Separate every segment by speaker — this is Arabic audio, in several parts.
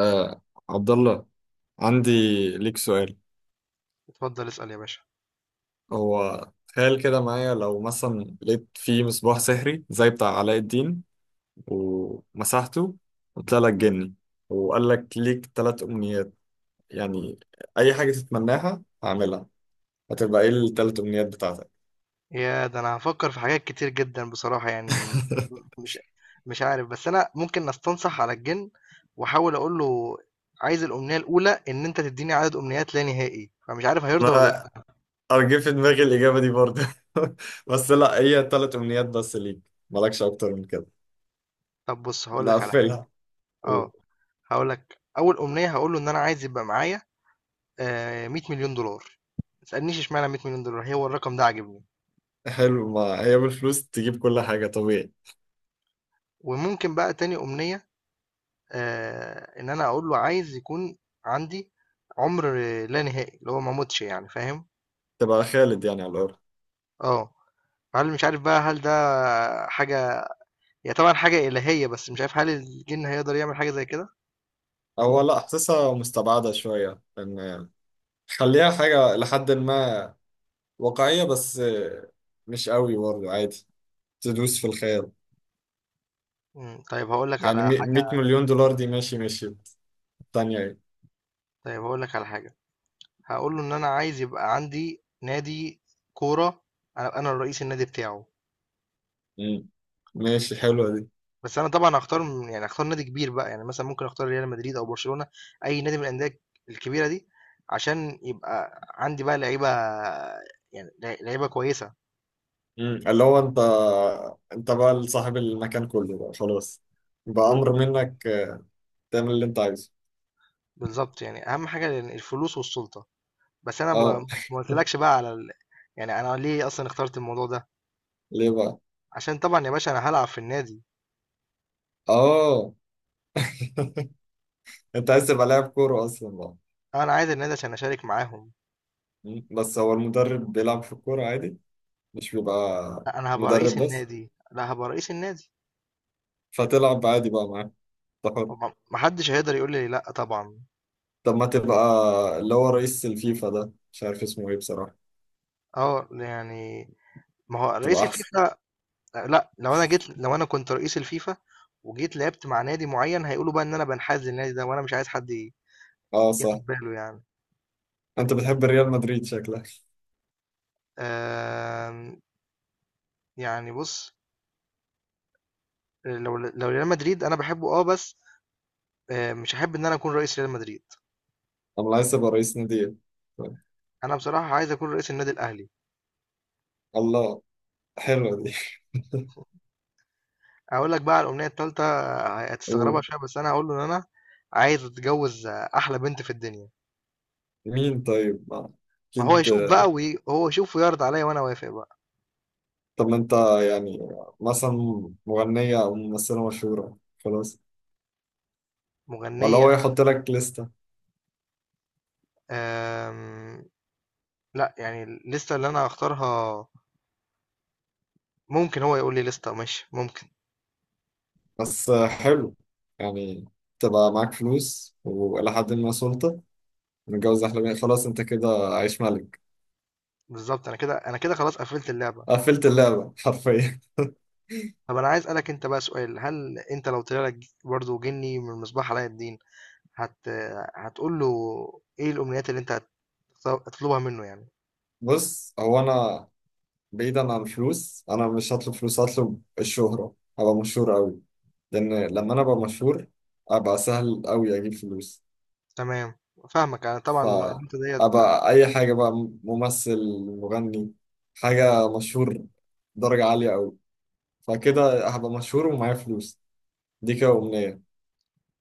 Speaker 1: آه عبد الله، عندي ليك سؤال.
Speaker 2: اتفضل اسأل يا باشا.
Speaker 1: هو تخيل كده معايا، لو مثلا لقيت فيه مصباح سحري زي بتاع علاء الدين ومسحته وطلع لك جني وقال لك ليك ثلاث أمنيات، يعني أي حاجة تتمناها هعملها، هتبقى إيه الثلاث أمنيات بتاعتك؟
Speaker 2: يا ده، انا هفكر في حاجات كتير جدا بصراحة، يعني مش مش عارف، بس انا ممكن استنصح على الجن واحاول اقول له، عايز الامنية الاولى ان انت تديني عدد امنيات لا نهائي، فمش عارف هيرضى ولا
Speaker 1: ما
Speaker 2: لا.
Speaker 1: أرجع في دماغي الإجابة دي برضه. بس لا، هي ثلاث أمنيات بس ليك، مالكش أكتر من كده.
Speaker 2: طب بص، هقول لك على حاجة.
Speaker 1: نقفلها،
Speaker 2: اه،
Speaker 1: قول.
Speaker 2: هقول لك اول امنية، هقول له ان انا عايز يبقى معايا 100 مليون دولار. ما تسألنيش اشمعنى 100 مليون دولار، هو الرقم ده عاجبني.
Speaker 1: حلو، ما هي بالفلوس تجيب كل حاجة طبيعي.
Speaker 2: وممكن بقى تاني امنية، ان انا اقول له عايز يكون عندي عمر لا نهائي، اللي هو ما اموتش يعني، فاهم.
Speaker 1: تبقى خالد يعني على الأرض.
Speaker 2: اه، هل مش عارف بقى، هل ده حاجة، هي طبعا حاجة إلهية، بس مش عارف هل الجن هيقدر يعمل حاجة زي كده.
Speaker 1: هو لا، حاسسها مستبعدة شوية. إن خليها حاجة لحد ما واقعية بس، مش قوي برضه، عادي تدوس في الخيال.
Speaker 2: مم، طيب هقول لك
Speaker 1: يعني
Speaker 2: على
Speaker 1: 100
Speaker 2: حاجة
Speaker 1: مليون دولار دي ماشي ماشي، التانية ايه؟
Speaker 2: طيب هقول لك على حاجة، هقول له ان انا عايز يبقى عندي نادي كورة، انا الرئيس النادي بتاعه.
Speaker 1: مم. ماشي، حلوة دي.
Speaker 2: بس أنا طبعًا هاختار م يعني هاختار نادي كبير بقى، يعني مثلًا ممكن أختار ريال مدريد أو برشلونة، أي نادي من الأندية الكبيرة دي، عشان يبقى عندي بقى لعيبة، يعني لعيبة كويسة.
Speaker 1: مم. اللي هو انت، انت بقى صاحب المكان كله بقى خلاص،
Speaker 2: ب
Speaker 1: بأمر
Speaker 2: ب
Speaker 1: منك تعمل اللي انت عايزه.
Speaker 2: بالضبط، يعني أهم حاجة الفلوس والسُلطة. بس أنا ما
Speaker 1: اه.
Speaker 2: ما قُلتلكش بقى على ال يعني أنا ليه أصلًا اخترت الموضوع ده،
Speaker 1: ليه بقى؟
Speaker 2: عشان طبعًا يا باشا أنا هالعب في النادي.
Speaker 1: اه. انت عايز تبقى لاعب كورة اصلا بقى.
Speaker 2: أنا عايز النادي عشان أشارك معاهم.
Speaker 1: مم. بس هو المدرب بيلعب في الكورة عادي، مش بيبقى
Speaker 2: لأ، أنا هابقى رئيس
Speaker 1: مدرب بس،
Speaker 2: النادي، لأ، هابقى رئيس النادي.
Speaker 1: فتلعب عادي بقى معاه، ده حر.
Speaker 2: ما حدش هيقدر يقول لي لأ طبعًا.
Speaker 1: طب ما تبقى اللي هو رئيس الفيفا، ده مش عارف اسمه ايه بصراحة،
Speaker 2: يعني ما هو رئيس
Speaker 1: تبقى أحسن.
Speaker 2: الفيفا. لا، لو انا كنت رئيس الفيفا وجيت لعبت مع نادي معين، هيقولوا بقى ان انا بنحاز للنادي ده، وانا مش عايز حد
Speaker 1: اه صح،
Speaker 2: ياخد باله يعني.
Speaker 1: انت بتحب ريال مدريد شكلك.
Speaker 2: آم، يعني بص، لو ريال مدريد انا بحبه اه بس، مش هحب ان انا اكون رئيس ريال مدريد.
Speaker 1: انا عايز ابقى رئيس نادي إيه؟ طيب.
Speaker 2: انا بصراحة عايز اكون رئيس النادي الاهلي.
Speaker 1: الله، حلوة دي.
Speaker 2: اقول لك بقى على الامنية التالتة، هتستغربها
Speaker 1: قول.
Speaker 2: شوية، بس انا هقول له ان انا عايز اتجوز احلى بنت في الدنيا.
Speaker 1: مين طيب
Speaker 2: ما هو
Speaker 1: أكيد.
Speaker 2: يشوف بقى، وهو يشوف ويعرض عليا وانا وافق بقى.
Speaker 1: طب ما أنت يعني مثلا مغنية أو ممثلة مشهورة خلاص، ولا
Speaker 2: مغنية
Speaker 1: هو
Speaker 2: أهو.
Speaker 1: يحط لك لستة؟
Speaker 2: آم، لأ، يعني الليستة اللي أنا هاختارها، ممكن هو يقول لي ليستة ماشي، ممكن.
Speaker 1: بس حلو، يعني تبقى معاك فلوس وإلى حد ما سلطة، متجوز أحلامي، خلاص أنت كده عايش ملك.
Speaker 2: بالضبط، أنا كده، أنا كده خلاص قفلت اللعبة.
Speaker 1: قفلت اللعبة حرفيا.
Speaker 2: طب أنا عايز أسألك أنت بقى سؤال، هل أنت لو طلع لك برضه جني من مصباح علاء الدين، هت هتقول له إيه الأمنيات اللي أنت هتطلبها منه يعني؟
Speaker 1: بص، هو أنا بعيدا عن الفلوس، أنا مش هطلب فلوس، هطلب الشهرة، أبقى مشهور أوي، لأن لما أنا أبقى مشهور أبقى سهل أوي أجيب فلوس،
Speaker 2: تمام، فاهمك أنا طبعًا النقطة ديّة.
Speaker 1: فأبقى أي حاجة بقى، ممثل، مغني، حاجة مشهور درجة عالية أوي، فكده هبقى مشهور ومعايا فلوس، دي كده أمنية.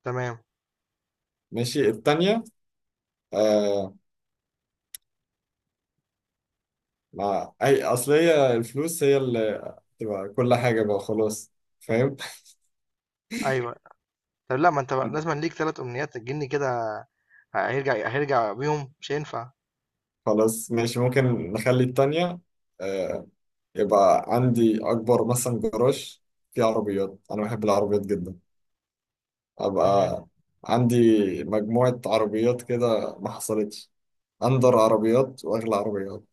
Speaker 2: تمام.
Speaker 1: ماشي، التانية آه، مع أي أصل هي الفلوس هي اللي تبقى كل حاجة بقى خلاص، فاهم.
Speaker 2: أيوه. طب لأ، ما أنت لازمًا ليك 3 أمنيات، الجني كده هيرجع بيهم، مش هينفع.
Speaker 1: خلاص ماشي، ممكن نخلي التانية آه، يبقى عندي أكبر مثلا جراج فيه عربيات، أنا بحب العربيات جدا،
Speaker 2: إمم.
Speaker 1: أبقى عندي مجموعة عربيات كده ما حصلتش، أندر عربيات وأغلى عربيات،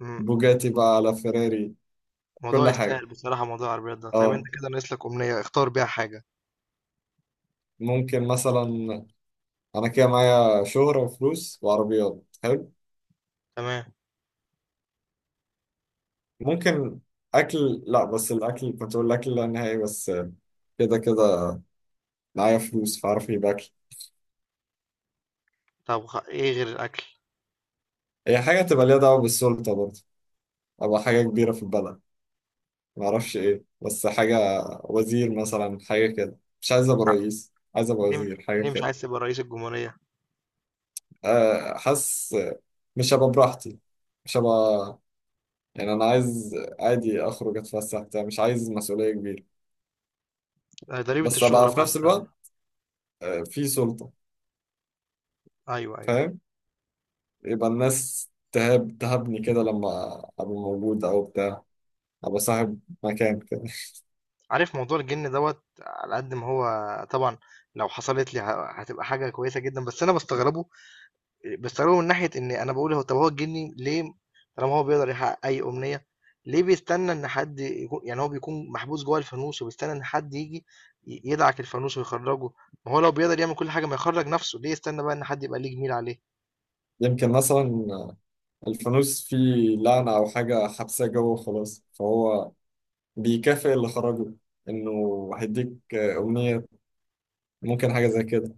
Speaker 2: إمم.
Speaker 1: بوجاتي بقى على فيراري،
Speaker 2: الموضوع
Speaker 1: كل حاجة.
Speaker 2: يستاهل بصراحة، موضوع العربيات ده. طيب انت
Speaker 1: اه،
Speaker 2: كده ناقص لك أمنية اختار بيها حاجة.
Speaker 1: ممكن مثلا، كده معايا شهرة وفلوس وعربيات، حلو.
Speaker 2: تمام.
Speaker 1: ممكن اكل، لا بس الاكل، كنت اقول الاكل لا نهائي، بس كده كده معايا فلوس فاعرف اجيب اكل.
Speaker 2: طب ايه غير الأكل؟
Speaker 1: هي حاجه تبقى ليها دعوه بالسلطه برضه، ابقى حاجه كبيره في البلد، ما اعرفش ايه، بس حاجه، وزير مثلا، حاجه كده، مش عايز ابقى رئيس، عايز ابقى
Speaker 2: ليه مش...
Speaker 1: وزير حاجه
Speaker 2: ليه مش
Speaker 1: كده.
Speaker 2: عايز تبقى رئيس الجمهورية؟
Speaker 1: أه، حاسس مش هبقى براحتي، مش هبقى، يعني انا عايز عادي اخرج اتفسح بتاع، مش عايز مسؤوليه كبيره،
Speaker 2: ضريبة
Speaker 1: بس
Speaker 2: الشهرة
Speaker 1: ابقى في
Speaker 2: بقى
Speaker 1: نفس
Speaker 2: انت.
Speaker 1: الوقت أه، في سلطه،
Speaker 2: ايوه، ايوه.
Speaker 1: فاهم، يبقى الناس تهابني كده لما أبقى موجود أو بتاع، أبقى صاحب مكان كده.
Speaker 2: عارف موضوع الجن دوت على قد ما هو، طبعا، لو حصلت لي هتبقى حاجة كويسة جدا، بس انا بستغربه بستخدمه من ناحية إن أنا باقول، طب هو الجني ليه، طالما هو بيقدر يحقق أي أمنية، ليه بيستنى إن حد يكون، يعني هو بيكون محبوس جوه الفانوس وبيستنى إن حد ييجي يدعك الفانوس ويخرّجه، ما هو لو بيقدر يعمل كل حاجة، ما يخرّج نفسه، ليه يستنى بقى إن حد يبقى ليه جميل عليه؟
Speaker 1: يمكن مثلا الفانوس فيه لعنة أو حاجة حبساه جوه وخلاص، فهو بيكافئ اللي خرجه إنه هيديك أمنية، ممكن حاجة زي كده.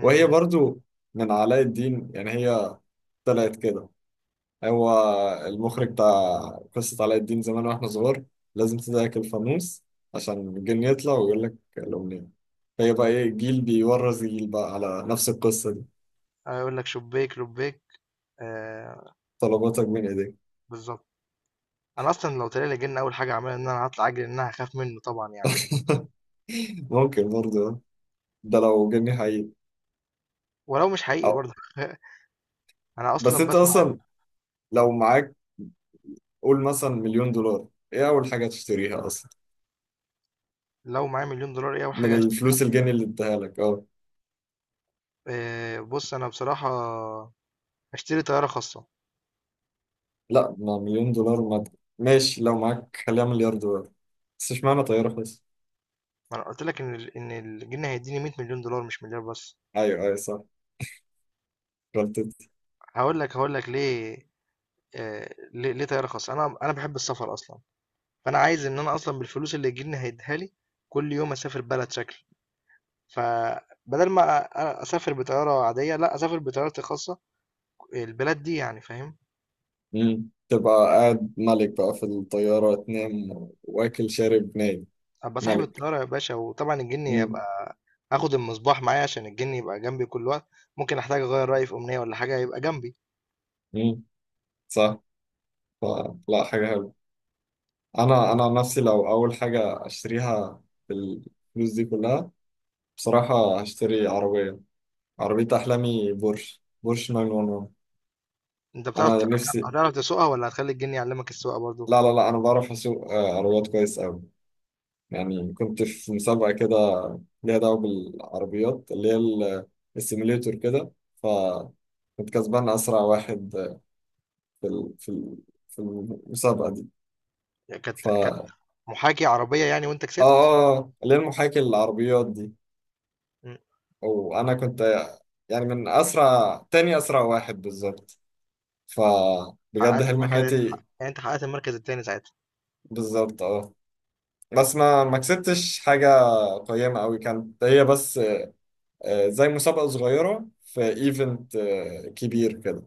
Speaker 1: وهي برضو من علاء الدين، يعني هي طلعت كده، هو المخرج بتاع قصة علاء الدين زمان واحنا صغار، لازم تضحك الفانوس عشان الجن يطلع ويقول لك الأمنية، هي بقى ايه، جيل بيورث جيل بقى على نفس القصة دي.
Speaker 2: هيقول لك شبّاك، لبّاك، آآ
Speaker 1: طلباتك من ايديك.
Speaker 2: بالضبط. أنا أصلًا لو طلع لي جِن، أول حاجة هاعملها إن أنا هاطلع أجري، لإن أنا هاخاف منه طبعًا يعني.
Speaker 1: ممكن برضه آه. ده لو جني حقيقي.
Speaker 2: ولو مش حقيقي
Speaker 1: أو.
Speaker 2: برضه أنا
Speaker 1: بس
Speaker 2: أصلًا
Speaker 1: انت
Speaker 2: باسمع.
Speaker 1: اصلا لو معاك قول مثلا مليون دولار، ايه اول حاجة تشتريها اصلا،
Speaker 2: لو معايا مليون دولار، إيه أول
Speaker 1: من
Speaker 2: حاجة هاشتريها؟
Speaker 1: الفلوس الجني اللي اداها لك؟ اه
Speaker 2: بُص أنا بصراحة اشتري طياره خاصه.
Speaker 1: لا، ما مليون دولار ما ماشي، لو معاك خليها مليار دولار، بس اشمعنى طيارة بس؟
Speaker 2: ما انا قلت لك ان ان الجنيه هيديني 100 مليون دولار، مش مليار بس.
Speaker 1: ايوه ايوه صح، رحت.
Speaker 2: هقول لك ليه. ليه، طياره خاصه، انا بحب السفر اصلا، فانا عايز ان انا اصلا بالفلوس اللي الجنيه هيديها لي كل يوم اسافر بلد شكل. فبدل ما اسافر بطياره عاديه، لا، اسافر بطيارتي الخاصه البلاد دي يعني، فاهم.
Speaker 1: مم. تبقى قاعد ملك بقى في الطيارة، تنام واكل شارب نايم،
Speaker 2: ابقى صاحب
Speaker 1: ملك.
Speaker 2: الطياره يا باشا، وطبعا الجني
Speaker 1: مم.
Speaker 2: يبقى اخد المصباح معايا عشان الجني يبقى جنبي كل وقت. ممكن احتاج اغير رايي في امنيه ولا حاجه، يبقى جنبي.
Speaker 1: مم. صح، فلا حاجة حلوة. أنا عن نفسي لو أول حاجة أشتريها بالفلوس دي كلها، بصراحة هشتري عربية، عربية أحلامي، بورش، بورش
Speaker 2: أنت
Speaker 1: 911،
Speaker 2: بتعرف ت
Speaker 1: أنا نفسي.
Speaker 2: هتعرف تسوقها، والّا هتخلّي الجِن يعلّمك السواقة برضه؟
Speaker 1: لا لا لا، أنا بعرف أسوق آه، عربيات كويس أوي، يعني كنت في مسابقة كده ليها دعوة بالعربيات، اللي هي السيميليتور كده، فكنت كسبان أسرع واحد في في المسابقة دي.
Speaker 2: يعني كانت
Speaker 1: ف
Speaker 2: كانت
Speaker 1: آه
Speaker 2: محاكي عربية يعني، وأنت
Speaker 1: آه
Speaker 2: كسبت؟
Speaker 1: آه، اللي هي المحاكي للعربيات دي،
Speaker 2: إمم.
Speaker 1: وأنا كنت يعني من أسرع، تاني أسرع واحد بالظبط، فبجد
Speaker 2: حقّقت
Speaker 1: حلم
Speaker 2: المركز، أنت حق
Speaker 1: حياتي.
Speaker 2: يعني أنت حقّقت المركز التاني ساعتها.
Speaker 1: بالظبط اه، بس ما كسبتش حاجة قيمة أوي كانت، هي بس آه، زي مسابقة صغيرة في ايفنت آه، كبير كده،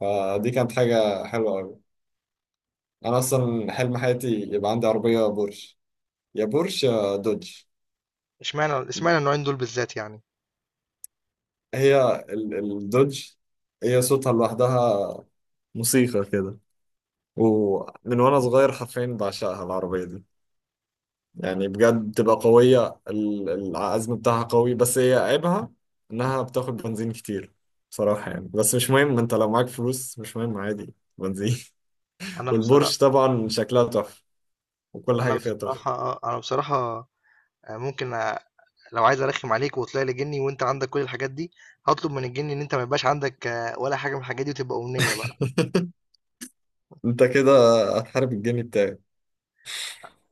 Speaker 1: فدي كانت حاجة حلوة أوي. أنا أصلا حلم حياتي يبقى عندي عربية بورش، يا بورش يا دوج.
Speaker 2: اشمعنى النوعين دول بالذات يعني؟
Speaker 1: الدوج هي صوتها لوحدها موسيقى كده، ومن وأنا صغير حرفيا بعشقها العربية دي، يعني بجد بتبقى قوية العزم بتاعها قوي، بس هي عيبها إنها بتاخد بنزين كتير بصراحة يعني، بس مش مهم، أنت لو معاك فلوس مش مهم عادي بنزين.
Speaker 2: أنا بصرا
Speaker 1: والبورش طبعا شكلها تحفة، وكل حاجة فيها تحفة.
Speaker 2: أنا بصراحة، ممكن أ لو عايز أرخّم عليك وطلع لي جِني، وأنت عندك كل الحاجات دي، هاطلب من الجِن إن أنت ما يبقاش عندك ولا حاجة من الحاجات دي، وتبقى أمنية بقى.
Speaker 1: انت كده هتحارب الجني بتاعي.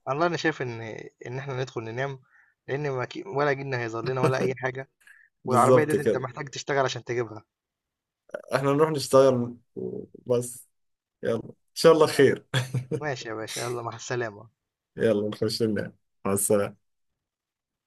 Speaker 2: والله أنا شايف إن إحنا ندخل ننام، لإن ما ك ولا جِن هيظهر لنا، ولا أي حاجة. والعربية
Speaker 1: بالظبط
Speaker 2: ديّة أنت
Speaker 1: كده،
Speaker 2: محتاج تشتغل عشان تجيبها.
Speaker 1: احنا نروح نشتغل وبس، يلا ان شاء الله خير.
Speaker 2: ماشي يا باشا، يلا، مع السلامة.
Speaker 1: يلا نخش ننام، مع السلامة.